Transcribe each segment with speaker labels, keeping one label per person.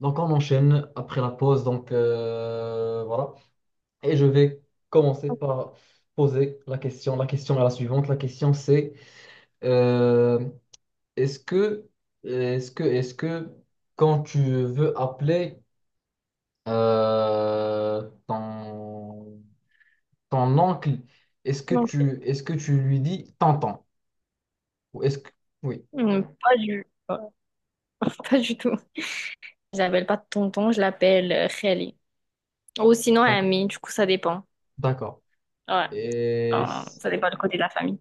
Speaker 1: Donc on enchaîne après la pause. Donc voilà. Et je vais commencer par poser la question. La question est la suivante. La question c'est euh, est-ce que est-ce que quand tu veux appeler euh, ton, ton oncle,
Speaker 2: Donc,
Speaker 1: est-ce que tu lui dis tonton? Ou est-ce que oui,
Speaker 2: hmm, pas pas du tout. Je l'appelle pas tonton, je l'appelle Khali. Ou sinon
Speaker 1: d'accord,
Speaker 2: ami, du coup, ça dépend.
Speaker 1: d'accord.
Speaker 2: Ouais,
Speaker 1: Et
Speaker 2: enfin, ça dépend du côté de la famille.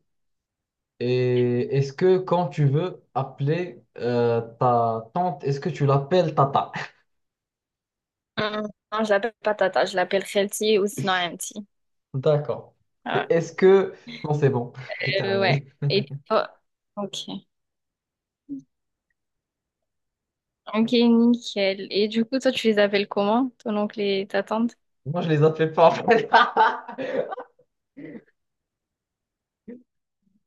Speaker 1: Et est-ce que quand tu veux appeler ta tante, est-ce que tu l'appelles tata?
Speaker 2: Hum, Non, je l'appelle pas tata, je l'appelle Khelti ou sinon amti.
Speaker 1: D'accord. Et
Speaker 2: Ouais.
Speaker 1: est-ce que... Non, c'est bon, j'ai
Speaker 2: Ouais.
Speaker 1: terminé.
Speaker 2: Et toi? Ok. Ok, nickel. Et du coup, toi, tu les appelles comment, ton oncle et ta tante?
Speaker 1: Moi, je les appelle pas en fait.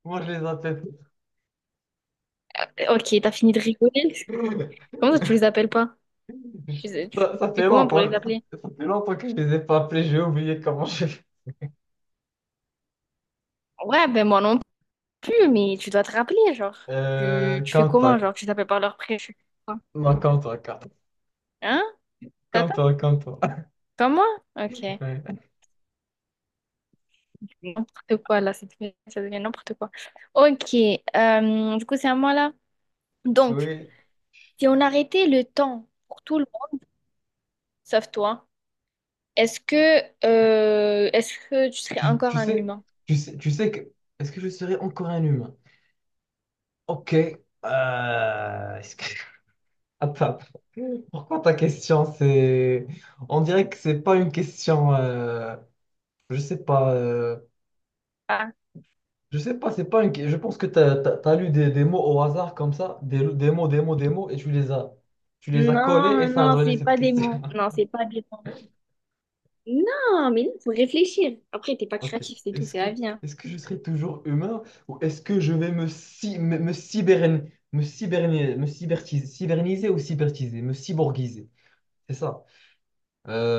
Speaker 1: Moi, je les appelle
Speaker 2: Ok, t'as fini de rigoler?
Speaker 1: pas.
Speaker 2: Comment ça, tu les appelles pas? Tu
Speaker 1: Ça
Speaker 2: fais
Speaker 1: fait
Speaker 2: comment pour
Speaker 1: longtemps,
Speaker 2: les appeler?
Speaker 1: ça fait longtemps que je les ai pas appelés, j'ai oublié comment je
Speaker 2: Ouais, ben moi non plus, mais tu dois te rappeler, genre.
Speaker 1: euh,
Speaker 2: Tu fais
Speaker 1: comme
Speaker 2: comment,
Speaker 1: toi.
Speaker 2: genre, tu t'appelles par leur prénom?
Speaker 1: Non, comme toi,
Speaker 2: Hein? T'attends?
Speaker 1: comme toi.
Speaker 2: Comme moi? Ok.
Speaker 1: Ouais.
Speaker 2: N'importe quoi, là, ça devient n'importe quoi. Ok, du coup, c'est à moi, là. Donc,
Speaker 1: Oui.
Speaker 2: si on arrêtait le temps pour tout le monde, sauf toi, est-ce que tu serais
Speaker 1: Tu,
Speaker 2: encore
Speaker 1: tu
Speaker 2: un
Speaker 1: sais,
Speaker 2: humain?
Speaker 1: sais que... Est-ce que je serai encore un humain? Ok. Attends. Pourquoi ta question, c'est... On dirait que c'est pas une question... Je sais pas.
Speaker 2: Ah.
Speaker 1: Je sais pas, c'est pas une... que- Je pense que t'as lu des mots au hasard comme ça. Des mots. Et tu les as... Tu les as collés et
Speaker 2: Non,
Speaker 1: ça a
Speaker 2: non,
Speaker 1: donné
Speaker 2: c'est
Speaker 1: cette
Speaker 2: pas des
Speaker 1: question.
Speaker 2: mots. Non, c'est pas des mots. Non, mais il faut réfléchir. Après, t'es pas
Speaker 1: Ok.
Speaker 2: créatif, c'est tout, c'est la vie, hein.
Speaker 1: Est-ce que je serai toujours humain ou est-ce que je vais me cyberne- me cyberni- me cybertiser, me cyborgiser? C'est ça.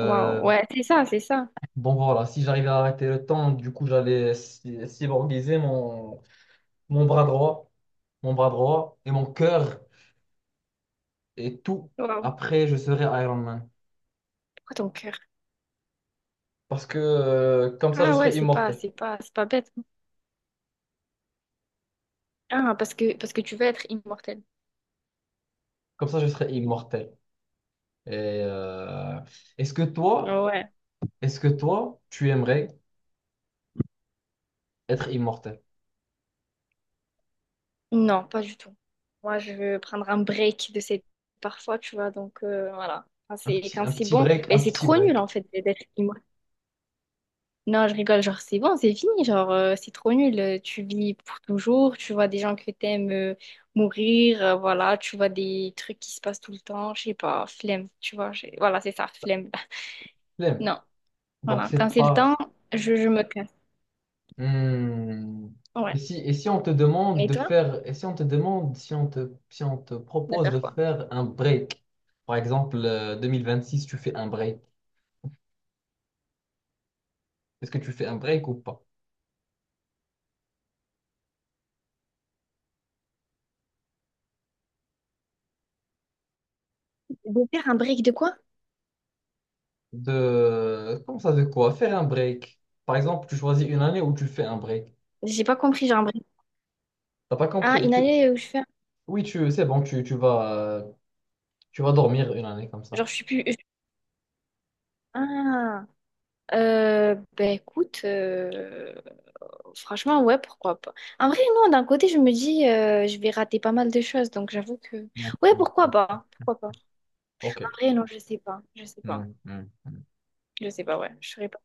Speaker 2: Waouh, ouais, c'est ça, c'est ça.
Speaker 1: Bon voilà, si j'arrivais à arrêter le temps, du coup cyborgiser mon bras droit, mon bras droit et mon cœur et tout.
Speaker 2: Waouh.
Speaker 1: Après, je serais Iron Man.
Speaker 2: Pourquoi ton cœur?
Speaker 1: Parce que comme ça, je
Speaker 2: Ah ouais,
Speaker 1: serais immortel.
Speaker 2: c'est pas bête. Ah, parce que tu veux être immortel.
Speaker 1: Comme ça, je serais immortel. Et euh, est-ce que toi,
Speaker 2: Ouais.
Speaker 1: est-ce que toi, tu aimerais être immortel?
Speaker 2: Non, pas du tout. Moi, je veux prendre un break de cette parfois, tu vois. Donc, voilà. Quand c'est bon,
Speaker 1: Un
Speaker 2: mais c'est
Speaker 1: petit
Speaker 2: trop nul, en
Speaker 1: break.
Speaker 2: fait, d'être immortel. Non, je rigole. Genre, c'est bon, c'est fini. Genre, c'est trop nul. Tu vis pour toujours. Tu vois des gens que t'aimes mourir, voilà. Tu vois des trucs qui se passent tout le temps. Je sais pas, flemme. Tu vois, voilà, c'est ça, flemme.
Speaker 1: L'aime.
Speaker 2: Non.
Speaker 1: Donc
Speaker 2: Voilà. Quand
Speaker 1: c'est
Speaker 2: c'est le
Speaker 1: pas,
Speaker 2: temps, je me casse.
Speaker 1: hmm.
Speaker 2: Ouais.
Speaker 1: Et si on te demande
Speaker 2: Et
Speaker 1: de
Speaker 2: toi,
Speaker 1: faire, si on te
Speaker 2: de
Speaker 1: propose de
Speaker 2: faire quoi?
Speaker 1: faire un break, par exemple, six tu fais un break. Est-ce que tu fais un break ou pas?
Speaker 2: De faire un break de quoi?
Speaker 1: De, comment ça, de quoi? Faire un break. Par exemple, tu choisis une année où tu fais un break.
Speaker 2: J'ai pas compris, genre un break.
Speaker 1: T'as pas
Speaker 2: Ah,
Speaker 1: compris?
Speaker 2: une année où je fais.
Speaker 1: Oui, c'est bon, tu vas dormir une année comme
Speaker 2: Genre,
Speaker 1: ça.
Speaker 2: je suis plus. Je- Ah, ben écoute, franchement, ouais, pourquoi pas. En vrai, non, d'un côté, je me dis, je vais rater pas mal de choses, donc j'avoue que.
Speaker 1: Ouais,
Speaker 2: Ouais,
Speaker 1: ouais, ouais.
Speaker 2: pourquoi pas? Pourquoi pas?
Speaker 1: Ok.
Speaker 2: En vrai, non, je sais pas. Je sais pas.
Speaker 1: Mm, mm, mm.
Speaker 2: Je sais pas, ouais, je saurais pas.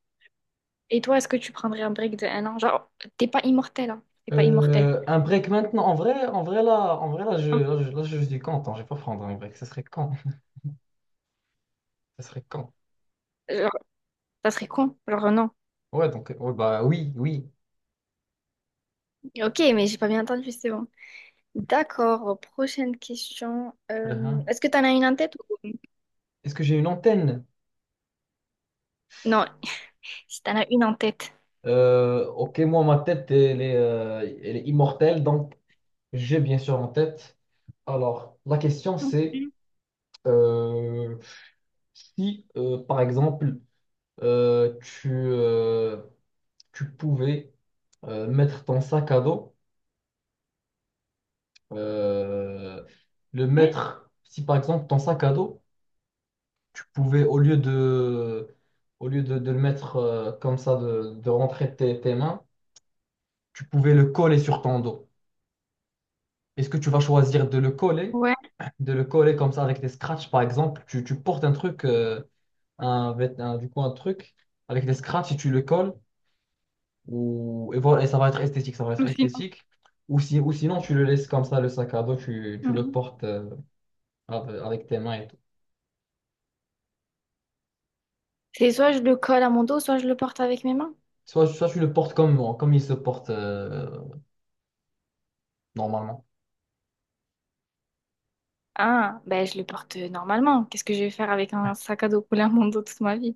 Speaker 2: Et toi, est-ce que tu prendrais un break de un an? Genre, t'es pas immortel, hein? T'es pas immortel.
Speaker 1: Un break maintenant. En vrai, je suis content. Je vais pas prendre un break. Ça serait quand? Ça serait quand?
Speaker 2: Genre, ça serait con. Genre, non.
Speaker 1: Ouais, donc, ouais, bah oui, oui.
Speaker 2: Ok, mais j'ai pas bien entendu, c'est bon. D'accord, prochaine question.
Speaker 1: Uhum.
Speaker 2: Est-ce que tu en as une en tête ou...
Speaker 1: Est-ce que j'ai une antenne?
Speaker 2: Non, si tu en as une en tête.
Speaker 1: Ok, moi, ma tête, elle est immortelle, donc j'ai bien sûr en tête. Alors, la question,
Speaker 2: Mhm.
Speaker 1: c'est euh, si, par exemple, euh, tu, euh, tu pouvais mettre ton sac à dos euh, le
Speaker 2: Hein.
Speaker 1: mettre, si par exemple ton sac à dos, tu pouvais, au lieu de le mettre comme ça, de rentrer tes mains, tu pouvais le coller sur ton dos. Est-ce que tu vas choisir
Speaker 2: Ouais,
Speaker 1: de le coller comme ça avec des scratchs, par exemple, tu portes un truc, du coup un truc avec des scratchs et tu le colles, ou, et voilà, et ça va être esthétique, ça va être
Speaker 2: ou sinon.
Speaker 1: esthétique. Ou, si, ou sinon, tu le laisses comme ça, le sac à dos, tu le
Speaker 2: Mhm.
Speaker 1: portes avec tes mains et tout.
Speaker 2: C'est soit je le colle à mon dos, soit je le porte avec mes mains.
Speaker 1: Soit, soit tu le portes comme moi, comme il se porte normalement.
Speaker 2: Ah, ben je le porte normalement. Qu'est-ce que je vais faire avec un sac à dos collé à mon dos toute ma vie?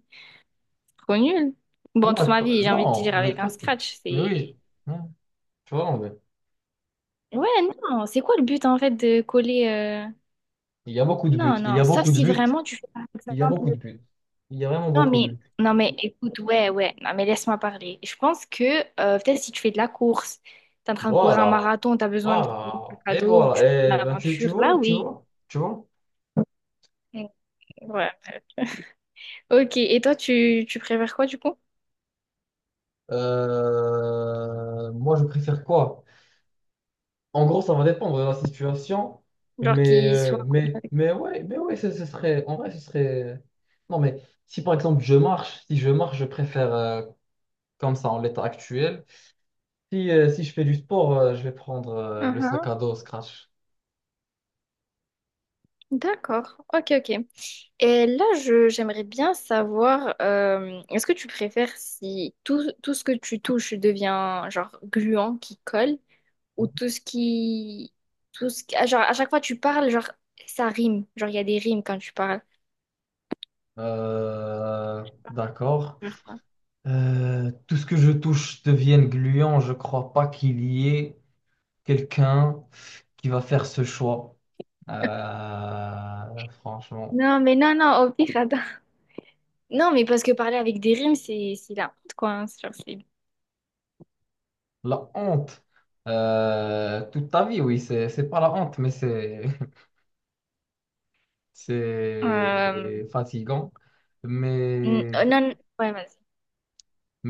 Speaker 2: Trop nul. Bon, toute
Speaker 1: Non,
Speaker 2: ma
Speaker 1: pas-
Speaker 2: vie, j'ai envie de
Speaker 1: non,
Speaker 2: dire
Speaker 1: mais
Speaker 2: avec un
Speaker 1: pas.
Speaker 2: scratch,
Speaker 1: Mais
Speaker 2: c'est...
Speaker 1: oui, non, tu vois, mais
Speaker 2: Ouais, non, c'est quoi le but en fait de coller...
Speaker 1: il y a beaucoup de
Speaker 2: Non,
Speaker 1: buts. Il y
Speaker 2: non,
Speaker 1: a
Speaker 2: sauf
Speaker 1: beaucoup de
Speaker 2: si
Speaker 1: buts.
Speaker 2: vraiment tu fais par
Speaker 1: Il y a beaucoup
Speaker 2: exemple...
Speaker 1: de buts. Il y a vraiment beaucoup de buts.
Speaker 2: Non mais écoute, ouais, ouais, non mais laisse-moi parler. Je pense que peut-être si tu fais de la course, t'es en train de courir un
Speaker 1: Voilà,
Speaker 2: marathon, t'as besoin de un
Speaker 1: voilà. Et
Speaker 2: cadeau ou tu
Speaker 1: voilà.
Speaker 2: fais une
Speaker 1: Et ben, tu
Speaker 2: aventure, là
Speaker 1: vois, tu
Speaker 2: oui.
Speaker 1: vois, tu vois.
Speaker 2: Mm, ouais. Ok, et toi tu préfères quoi du coup?
Speaker 1: Moi, je préfère quoi? En gros, ça va dépendre de la situation.
Speaker 2: Genre
Speaker 1: Mais,
Speaker 2: qu'il soit...
Speaker 1: mais ouais, ce serait. En vrai, ce serait. Non, mais si par exemple je marche, si je marche, je préfère. Comme ça en l'état actuel. Si je fais du sport, je vais prendre le sac
Speaker 2: Mhm.
Speaker 1: à dos Scratch.
Speaker 2: D'accord, ok, ok. Et là, j'aimerais bien savoir, est-ce que tu préfères si tout ce que tu touches devient genre gluant qui colle ou tout ce qui... Tout ce qui... ah, genre, à chaque fois tu parles, genre, ça rime. Genre, il y a des rimes quand tu parles.
Speaker 1: Euh, d'accord.
Speaker 2: Faire quoi?
Speaker 1: Tout ce que je touche devient gluant. Je crois pas qu'il y ait quelqu'un qui va faire ce choix. Franchement,
Speaker 2: Non, mais non, non, au pire, attends. Non, mais parce que parler avec des rimes, c'est la honte, quoi, hein. C'est genre, c'est...
Speaker 1: la honte. Toute ta vie, c'est pas la honte, mais c'est,
Speaker 2: Euh,
Speaker 1: c'est fatigant. Mais
Speaker 2: non, non, ouais, vas-y.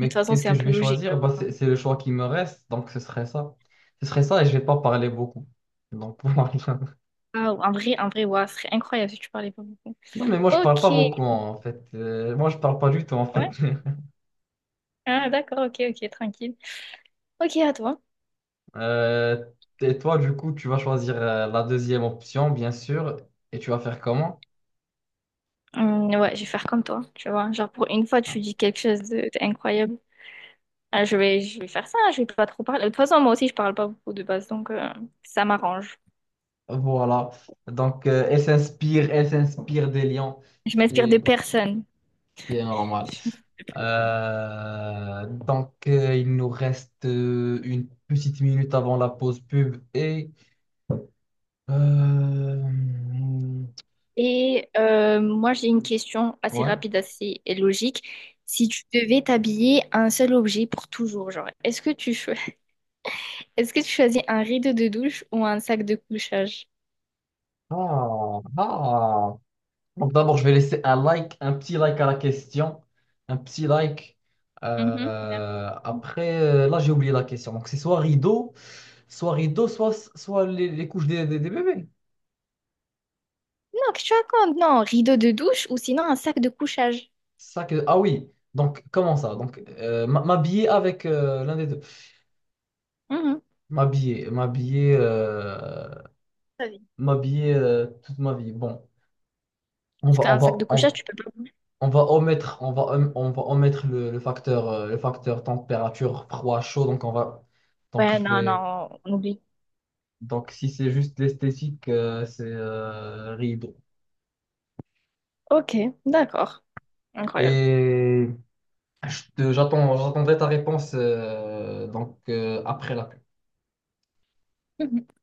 Speaker 2: Mais de toute façon,
Speaker 1: qu'est-ce
Speaker 2: c'est
Speaker 1: que
Speaker 2: un
Speaker 1: je
Speaker 2: peu
Speaker 1: vais
Speaker 2: logique,
Speaker 1: choisir?
Speaker 2: j'avoue,
Speaker 1: Bah,
Speaker 2: hein.
Speaker 1: c'est le choix qui me reste, donc ce serait ça. Ce serait ça et je vais pas parler beaucoup. Donc, pour moi,
Speaker 2: Ah, un vrai, ouah, ce serait incroyable si tu parlais pas beaucoup.
Speaker 1: non, mais moi, je parle
Speaker 2: Ok,
Speaker 1: pas beaucoup,
Speaker 2: ouais.
Speaker 1: hein, en fait. Moi, je parle pas du tout, en fait.
Speaker 2: Ah, d'accord, ok, ok, tranquille. Ok, à toi.
Speaker 1: Euh, et toi, du coup, tu vas choisir la deuxième option, bien sûr. Et tu vas faire comment?
Speaker 2: Ouais, je vais faire comme toi, tu vois. Genre, pour une fois, tu dis d'incroyable. Ah, je vais faire ça, je vais pas trop parler. De toute façon, moi aussi, je parle pas beaucoup de base, donc ça m'arrange.
Speaker 1: Voilà. Donc, elle s'inspire des lions,
Speaker 2: Je m'inspire de
Speaker 1: ce
Speaker 2: personne.
Speaker 1: qui est normal. Donc, il nous reste une petite minute avant la pause pub et euh,
Speaker 2: Et moi, j'ai une question assez
Speaker 1: ouais.
Speaker 2: rapide, assez logique. Si tu devais t'habiller un seul objet pour toujours, genre, est-ce que tu cho- est-ce que tu choisis un rideau de douche ou un sac de couchage?
Speaker 1: Ah, ah. Donc d'abord, je vais laisser un like, un petit like à la question. Un petit like.
Speaker 2: Mhm, merci.
Speaker 1: Après, là, j'ai oublié la question. Donc c'est soit rideau, soit les, couches des bébés.
Speaker 2: Non, qu'est-ce que tu racontes? Non, rideau de douche ou sinon un sac de couchage.
Speaker 1: C'est Ça que... Ah oui. Donc comment ça? Donc m'habiller avec l'un des deux.
Speaker 2: Mhm.
Speaker 1: M'habiller, m'habiller, euh,
Speaker 2: Vas-y.
Speaker 1: m'habiller toute ma vie. Bon, on
Speaker 2: Parce
Speaker 1: va, on
Speaker 2: qu'un
Speaker 1: va,
Speaker 2: sac de
Speaker 1: on,
Speaker 2: couchage, tu peux pas bouger.
Speaker 1: On va omettre, on va omettre le, facteur, le facteur température, froid, chaud. Donc,
Speaker 2: Ouais,
Speaker 1: je
Speaker 2: non,
Speaker 1: vais,
Speaker 2: non, on oublie.
Speaker 1: donc si c'est juste l'esthétique, c'est rideau.
Speaker 2: Ok, d'accord. Incroyable.
Speaker 1: Et j'attends, j'attendrai ta réponse donc, après la pub.